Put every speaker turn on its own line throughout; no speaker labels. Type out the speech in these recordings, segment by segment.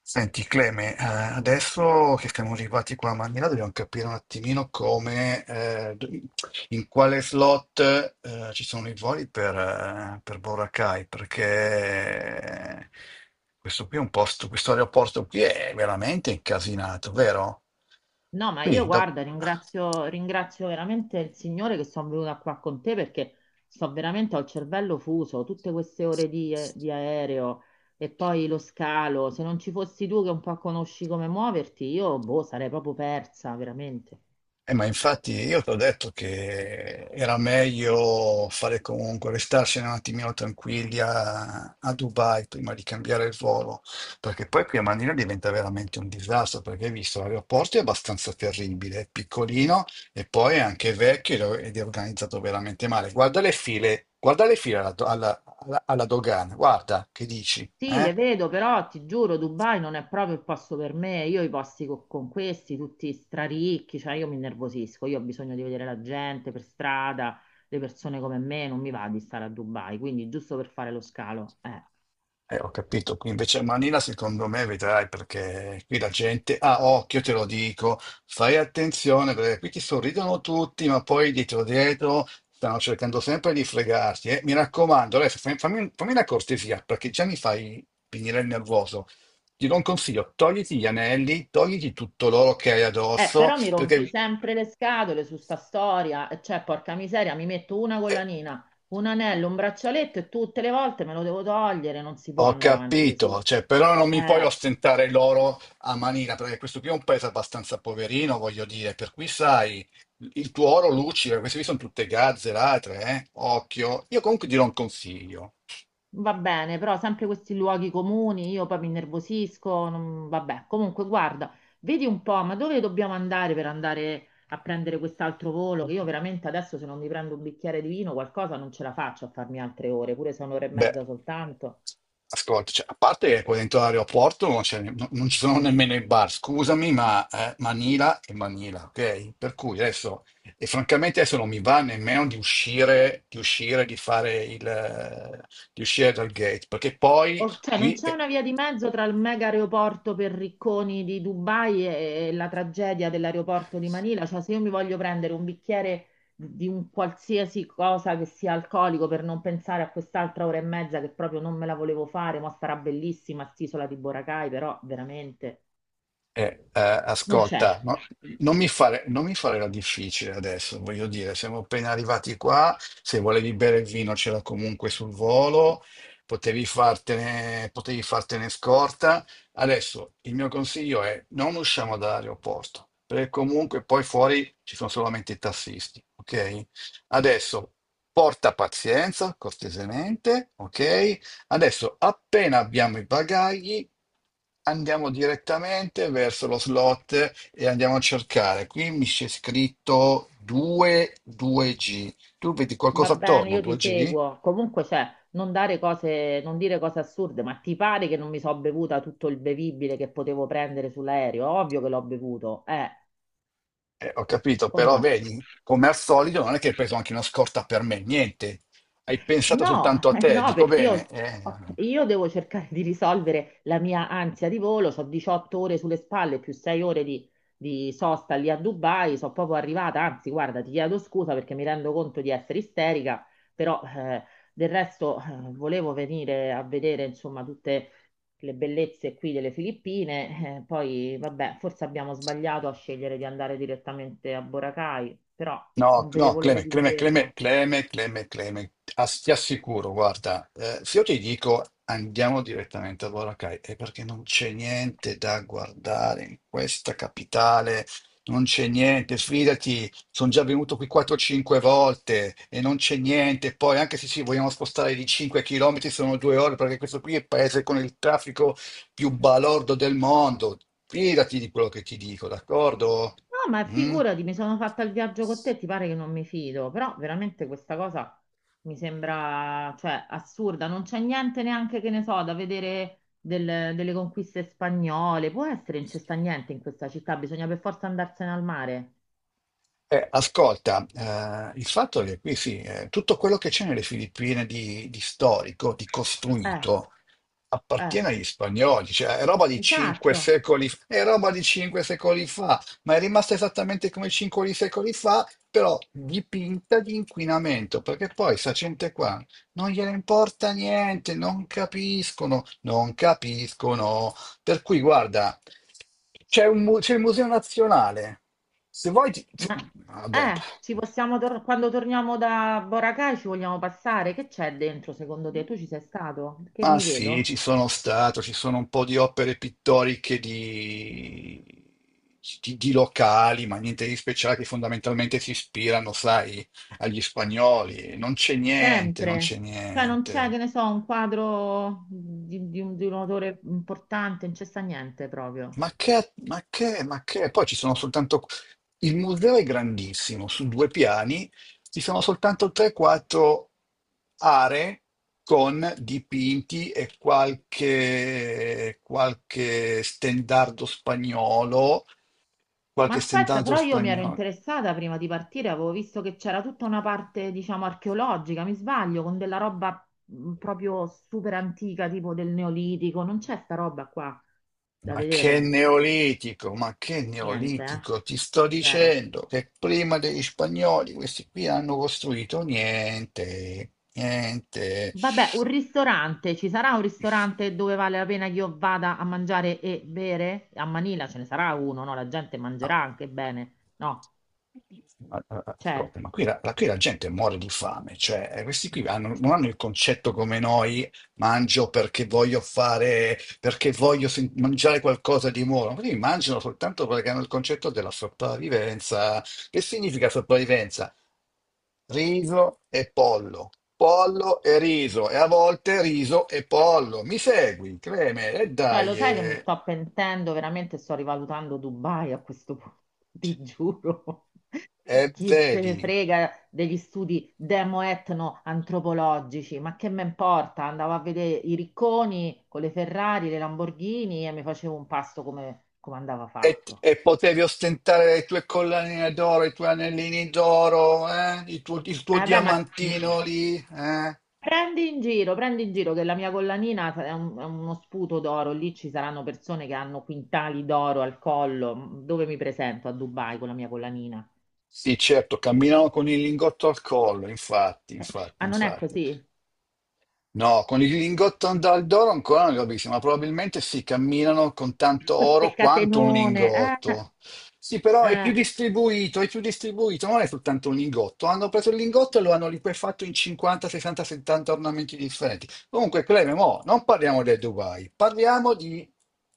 Senti Cleme, adesso che siamo arrivati qua a Manila dobbiamo capire un attimino come, in quale slot ci sono i voli per Boracay, perché questo qui è un posto, questo aeroporto qui è veramente incasinato, vero?
No, ma
Qui,
io
da...
guarda, ringrazio veramente il Signore che sono venuta qua con te perché sto veramente, ho il cervello fuso, tutte queste ore di di aereo e poi lo scalo. Se non ci fossi tu che un po' conosci come muoverti, io boh, sarei proprio persa, veramente.
Ma infatti io ti ho detto che era meglio fare comunque, restarsene un attimino tranquilli a Dubai prima di cambiare il volo, perché poi qui a Manino diventa veramente un disastro, perché hai visto l'aeroporto è abbastanza terribile, è piccolino e poi è anche vecchio ed è organizzato veramente male. Guarda le file alla, do- alla- alla- alla dogana, guarda che dici,
Sì, le
eh?
vedo, però ti giuro, Dubai non è proprio il posto per me. Io i posti con questi, tutti straricchi, cioè io mi innervosisco, io ho bisogno di vedere la gente per strada, le persone come me, non mi va di stare a Dubai, quindi giusto per fare lo scalo.
Ho capito, qui invece a Manila secondo me vedrai perché qui la gente, ah occhio te lo dico, fai attenzione perché qui ti sorridono tutti ma poi dietro dietro stanno cercando sempre di fregarti. Mi raccomando, adesso fammi, fammi una cortesia perché già mi fai venire il nervoso. Ti do un consiglio, togliti gli anelli, togliti tutto l'oro che hai
Eh,
addosso
però mi rompi
perché...
sempre le scatole su sta storia, e cioè porca miseria, mi metto una
eh,
collanina, un anello, un braccialetto e tutte le volte me lo devo togliere, non si può
Ho
andare avanti così.
capito, cioè, però non mi puoi
Eh,
ostentare l'oro a manina, perché questo qui è un paese abbastanza poverino, voglio dire, per cui sai, il tuo oro luccica, queste qui sono tutte gazze, latre, eh? Occhio. Io comunque dirò un consiglio.
Va bene, però sempre questi luoghi comuni, io poi mi innervosisco, vabbè. Comunque, guarda, vedi un po', ma dove dobbiamo andare per andare a prendere quest'altro volo? Che io veramente adesso se non mi prendo un bicchiere di vino, qualcosa non ce la faccio a farmi altre ore, pure se è un'ora e
Beh,
mezza soltanto.
ascolta, cioè, a parte che qua dentro l'aeroporto non, c'è- no- non ci sono nemmeno i bar, scusami, ma Manila è Manila, ok? Per cui adesso, e francamente adesso non mi va nemmeno di uscire, di uscire, di fare il, di uscire dal gate, perché poi
Cioè, non
qui
c'è
è-
una via di mezzo tra il mega aeroporto per ricconi di Dubai e la tragedia dell'aeroporto di Manila. Cioè, se io mi voglio prendere un bicchiere di un qualsiasi cosa che sia alcolico per non pensare a quest'altra ora e mezza che proprio non me la volevo fare, ma starà bellissima st'isola di Boracay, però veramente non c'è.
Ascolta, no- non mi fare la difficile adesso, voglio dire, siamo appena arrivati qua, se volevi bere il vino c'era comunque sul volo, potevi fartene scorta. Adesso il mio consiglio è non usciamo dall'aeroporto, perché comunque poi fuori ci sono solamente i tassisti, ok? Adesso porta pazienza, cortesemente, ok? Adesso, appena abbiamo i bagagli, andiamo direttamente verso lo slot e andiamo a cercare. Qui mi c'è scritto 2, 2G. Tu vedi
Va
qualcosa
bene,
attorno,
io ti
2G?
seguo. Comunque, cioè, non dare cose, non dire cose assurde, ma ti pare che non mi so bevuta tutto il bevibile che potevo prendere sull'aereo? Ovvio che l'ho bevuto, eh.
Ho capito,
O
però
no?
vedi, come al solito non è che hai preso anche una scorta per me, niente. Hai pensato
No,
soltanto a te,
no,
dico
perché
bene.
io, ok, io devo cercare di risolvere la mia ansia di volo, ho 18 ore sulle spalle più 6 ore di sosta lì a Dubai, sono proprio arrivata, anzi guarda, ti chiedo scusa perché mi rendo conto di essere isterica, però del resto volevo venire a vedere insomma tutte le bellezze qui delle Filippine, poi vabbè, forse abbiamo sbagliato a scegliere di andare direttamente a Boracay, però
No,
non
no,
vedevo l'ora
Cleme,
di
Cleme, Cleme,
vederla.
Cleme, Cleme, Cleme, ti assicuro, guarda, se io ti dico andiamo direttamente a Boracay, è perché non c'è niente da guardare in questa capitale, non c'è niente, fidati, sono già venuto qui 4-5 volte e non c'è niente, poi anche se ci vogliamo spostare di 5 km sono 2 ore, perché questo qui è il paese con il traffico più balordo del mondo, fidati di quello che ti dico, d'accordo?
No, ma
Mm?
figurati, mi sono fatta il viaggio con te, ti pare che non mi fido, però veramente questa cosa mi sembra, cioè, assurda, non c'è niente neanche che ne so da vedere delle conquiste spagnole, può essere, non c'è sta niente in questa città, bisogna per forza andarsene al mare.
Ascolta, il fatto è che qui sì, tutto quello che c'è nelle Filippine di storico, di
Eh,
costruito,
eh,
appartiene agli spagnoli, cioè è roba di cinque
esatto,
secoli, è roba di cinque secoli fa, ma è rimasta esattamente come 5 secoli fa, però dipinta di inquinamento, perché poi sta gente qua non gliene importa niente, non capiscono, non capiscono. Per cui, guarda, c'è il Museo Nazionale. Se vuoi,
ma
vabbè,
ci possiamo quando torniamo da Boracay ci vogliamo passare, che c'è dentro secondo te? Tu ci sei stato? Che
ma
mi
sì,
vedo?
ci sono stato, ci sono un po' di opere pittoriche di, di locali, ma niente di speciale, che fondamentalmente si ispirano, sai, agli spagnoli. Non c'è niente, non
Sempre.
c'è
Cioè non c'è,
niente.
che ne so, un quadro di un autore importante, non c'è sta niente proprio.
Ma che, ma che, ma che? Poi ci sono soltanto... Il museo è grandissimo, su due piani, ci sono soltanto 3-4 aree con dipinti e qualche stendardo spagnolo,
Ma
qualche
aspetta,
stendardo
però io mi ero
spagnolo.
interessata prima di partire, avevo visto che c'era tutta una parte, diciamo, archeologica, mi sbaglio, con della roba proprio super antica, tipo del Neolitico. Non c'è sta roba qua da vedere.
Ma che
Niente, eh?
neolitico, ti sto
Zero.
dicendo che prima degli spagnoli questi qui hanno costruito niente, niente.
Vabbè, un ristorante, ci sarà un ristorante dove vale la pena che io vada a mangiare e bere? A Manila ce ne sarà uno, no? La gente mangerà
Ah,
anche bene, no? C'è?
ascolta, ma qui qui la gente muore di fame, cioè questi qui non hanno il concetto come noi, mangio perché voglio mangiare qualcosa di buono, quindi mangiano soltanto perché hanno il concetto della sopravvivenza. Che significa sopravvivenza? Riso e pollo, pollo e riso, e a volte riso e pollo. Mi segui, Creme? E
Cioè, lo
dai,
sai che mi sto pentendo, veramente sto rivalutando Dubai a questo punto, ti giuro.
e
Chi se
vedi.
ne frega degli studi demo-etno-antropologici, ma che me importa? Andavo a vedere i ricconi con le Ferrari, le Lamborghini e mi facevo un pasto come, come andava
E,
fatto.
e potevi ostentare le tue collanine d'oro, i tuoi anellini d'oro, eh? Il tuo
Eh beh, ma mm,
diamantino lì, eh?
prendi in giro che la mia collanina è, è uno sputo d'oro. Lì ci saranno persone che hanno quintali d'oro al collo. Mm, dove mi presento a Dubai con la mia collanina?
Sì, certo, camminavo con il lingotto al collo, infatti,
Eh,
infatti,
ah, non è
infatti.
così?
No, con il lingotto dal d'oro ancora non li ho visti, ma probabilmente si camminano con tanto
Queste
oro quanto un
catenone.
lingotto. Sì, però
Eh.
è più distribuito, non è soltanto un lingotto. Hanno preso il lingotto e lo hanno liquefatto in 50, 60, 70 ornamenti differenti. Comunque, Cleme, mo, non parliamo del Dubai, parliamo di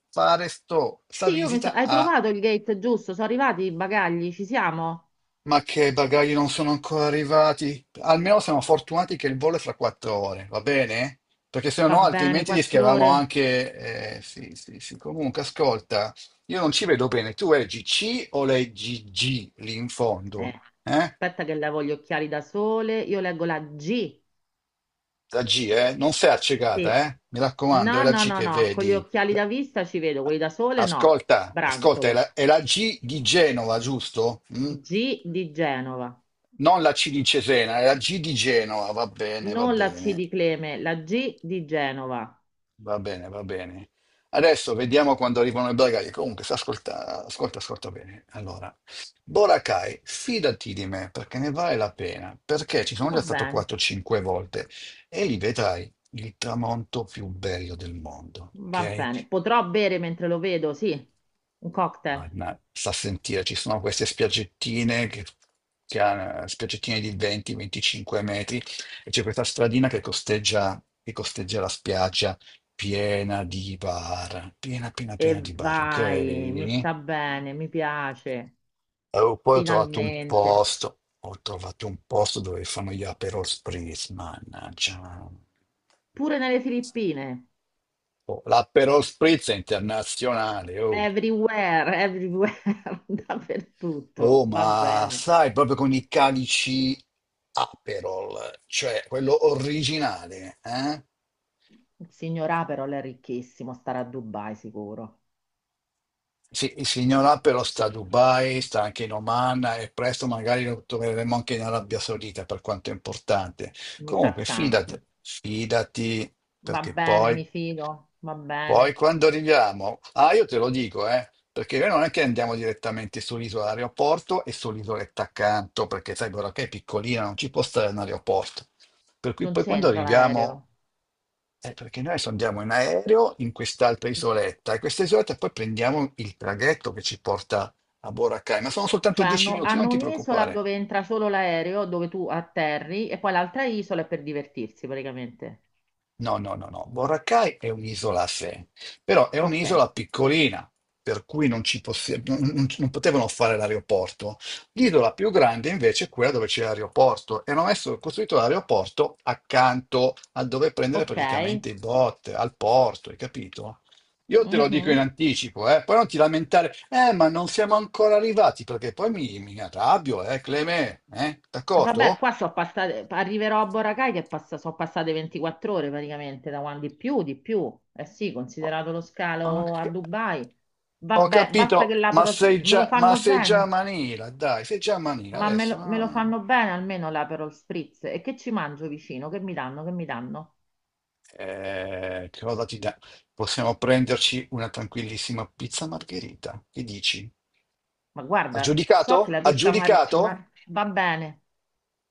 fare sta
Sì, io mi so...
visita
Hai
a
trovato il gate giusto? Sono arrivati i bagagli? Ci siamo?
Ma che i bagagli non sono ancora arrivati? Almeno siamo fortunati che il volo è fra 4 ore, va bene? Perché se
Va
no,
bene,
altrimenti
quattro
rischiavamo
ore.
anche. Sì, sì, sì. Comunque, ascolta, io non ci vedo bene. Tu leggi C o leggi G lì in
Eh,
fondo? Eh?
aspetta che levo gli occhiali da sole. Io leggo la G.
La G, eh? Non sei
Sì.
accecata, eh? Mi raccomando, è
No,
la
no,
G
no,
che
no, con gli
vedi.
occhiali da vista ci vedo, quelli da sole no.
Ascolta, ascolta, è
Brantolo.
la, è la G di Genova, giusto? Mm?
G di Genova.
Non la C di Cesena, è la G di Genova, va bene, va
Non la C
bene.
di Cleme, la G di Genova.
Va bene, va bene. Adesso vediamo quando arrivano i bagagli. Comunque, sta ascolta, ascolta, ascolta bene. Allora, Boracay, fidati di me perché ne vale la pena, perché ci sono
Va
già stato
bene,
4-5 volte e lì vedrai il tramonto più bello del mondo,
va
ok?
bene. Potrò bere mentre lo vedo, sì, un cocktail.
Anna, sta a sentire, ci sono queste spiaggettine che, spiaggettine di 20-25 metri e c'è questa stradina che costeggia la spiaggia piena di bar, piena, piena,
E
piena di bar, ok?
vai, mi
E
sta bene, mi piace,
poi ho trovato un
finalmente.
posto, ho trovato un posto dove fanno gli Aperol Spritz, mannaggia.
Pure nelle Filippine,
Oh, l'Aperol Spritz è internazionale, oh.
everywhere, everywhere, dappertutto,
Oh,
va
ma
bene.
stai proprio con i calici Aperol, cioè quello originale, eh?
Il signor A però lei è ricchissimo, starà a Dubai sicuro.
Sì, il signor Aperol sta a Dubai, sta anche in Oman e presto magari lo troveremo anche in Arabia Saudita, per quanto è importante.
Mi sa
Comunque,
tanto.
fidati, fidati,
Va
perché
bene,
poi
mi fido, va
Poi
bene.
quando arriviamo, ah, io te lo dico, perché noi non è che andiamo direttamente sull'isola aeroporto e sull'isoletta accanto, perché sai, però che è piccolina, non ci può stare un aeroporto. Per cui
Non
poi quando
c'entra l'aereo.
arriviamo, perché noi adesso andiamo in aereo in quest'altra isoletta, e questa isoletta poi prendiamo il traghetto che ci porta a Boracay, ma sono soltanto
Cioè
10
hanno,
minuti, non
hanno
ti
un'isola
preoccupare.
dove entra solo l'aereo, dove tu atterri, e poi l'altra isola è per divertirsi praticamente.
No, no, no, no. Boracay è un'isola a sé, però è
Ok,
un'isola piccolina, per cui non, ci possi- non- non- non potevano fare l'aeroporto. L'isola più grande invece è quella dove c'è l'aeroporto e hanno messo, costruito l'aeroporto accanto a dove prendere
ok.
praticamente i bot, al porto, hai capito? Io te lo dico in
Mhm.
anticipo, eh? Poi non ti lamentare, ma non siamo ancora arrivati, perché poi mi arrabbio, Cleme, eh?
Vabbè,
D'accordo?
qua so passate, arriverò a Boracay che passa, sono passate 24 ore praticamente da quando di più, di più. Eh sì, considerato lo scalo
Ok.
a Dubai.
Ho
Vabbè, basta che
capito,
l'Aperol me lo
ma
fanno
sei già a
bene,
Manila, dai, sei già a Manila
ma
adesso. No?
me
no,
lo
no.
fanno bene almeno l'Aperol Spritz. E che ci mangio vicino? Che mi danno? Che mi danno?
Che cosa ti dà? Possiamo prenderci una tranquillissima pizza margherita. Che dici?
Ma guarda, so che
Aggiudicato?
la
Aggiudicato?
va bene.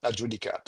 Aggiudicato.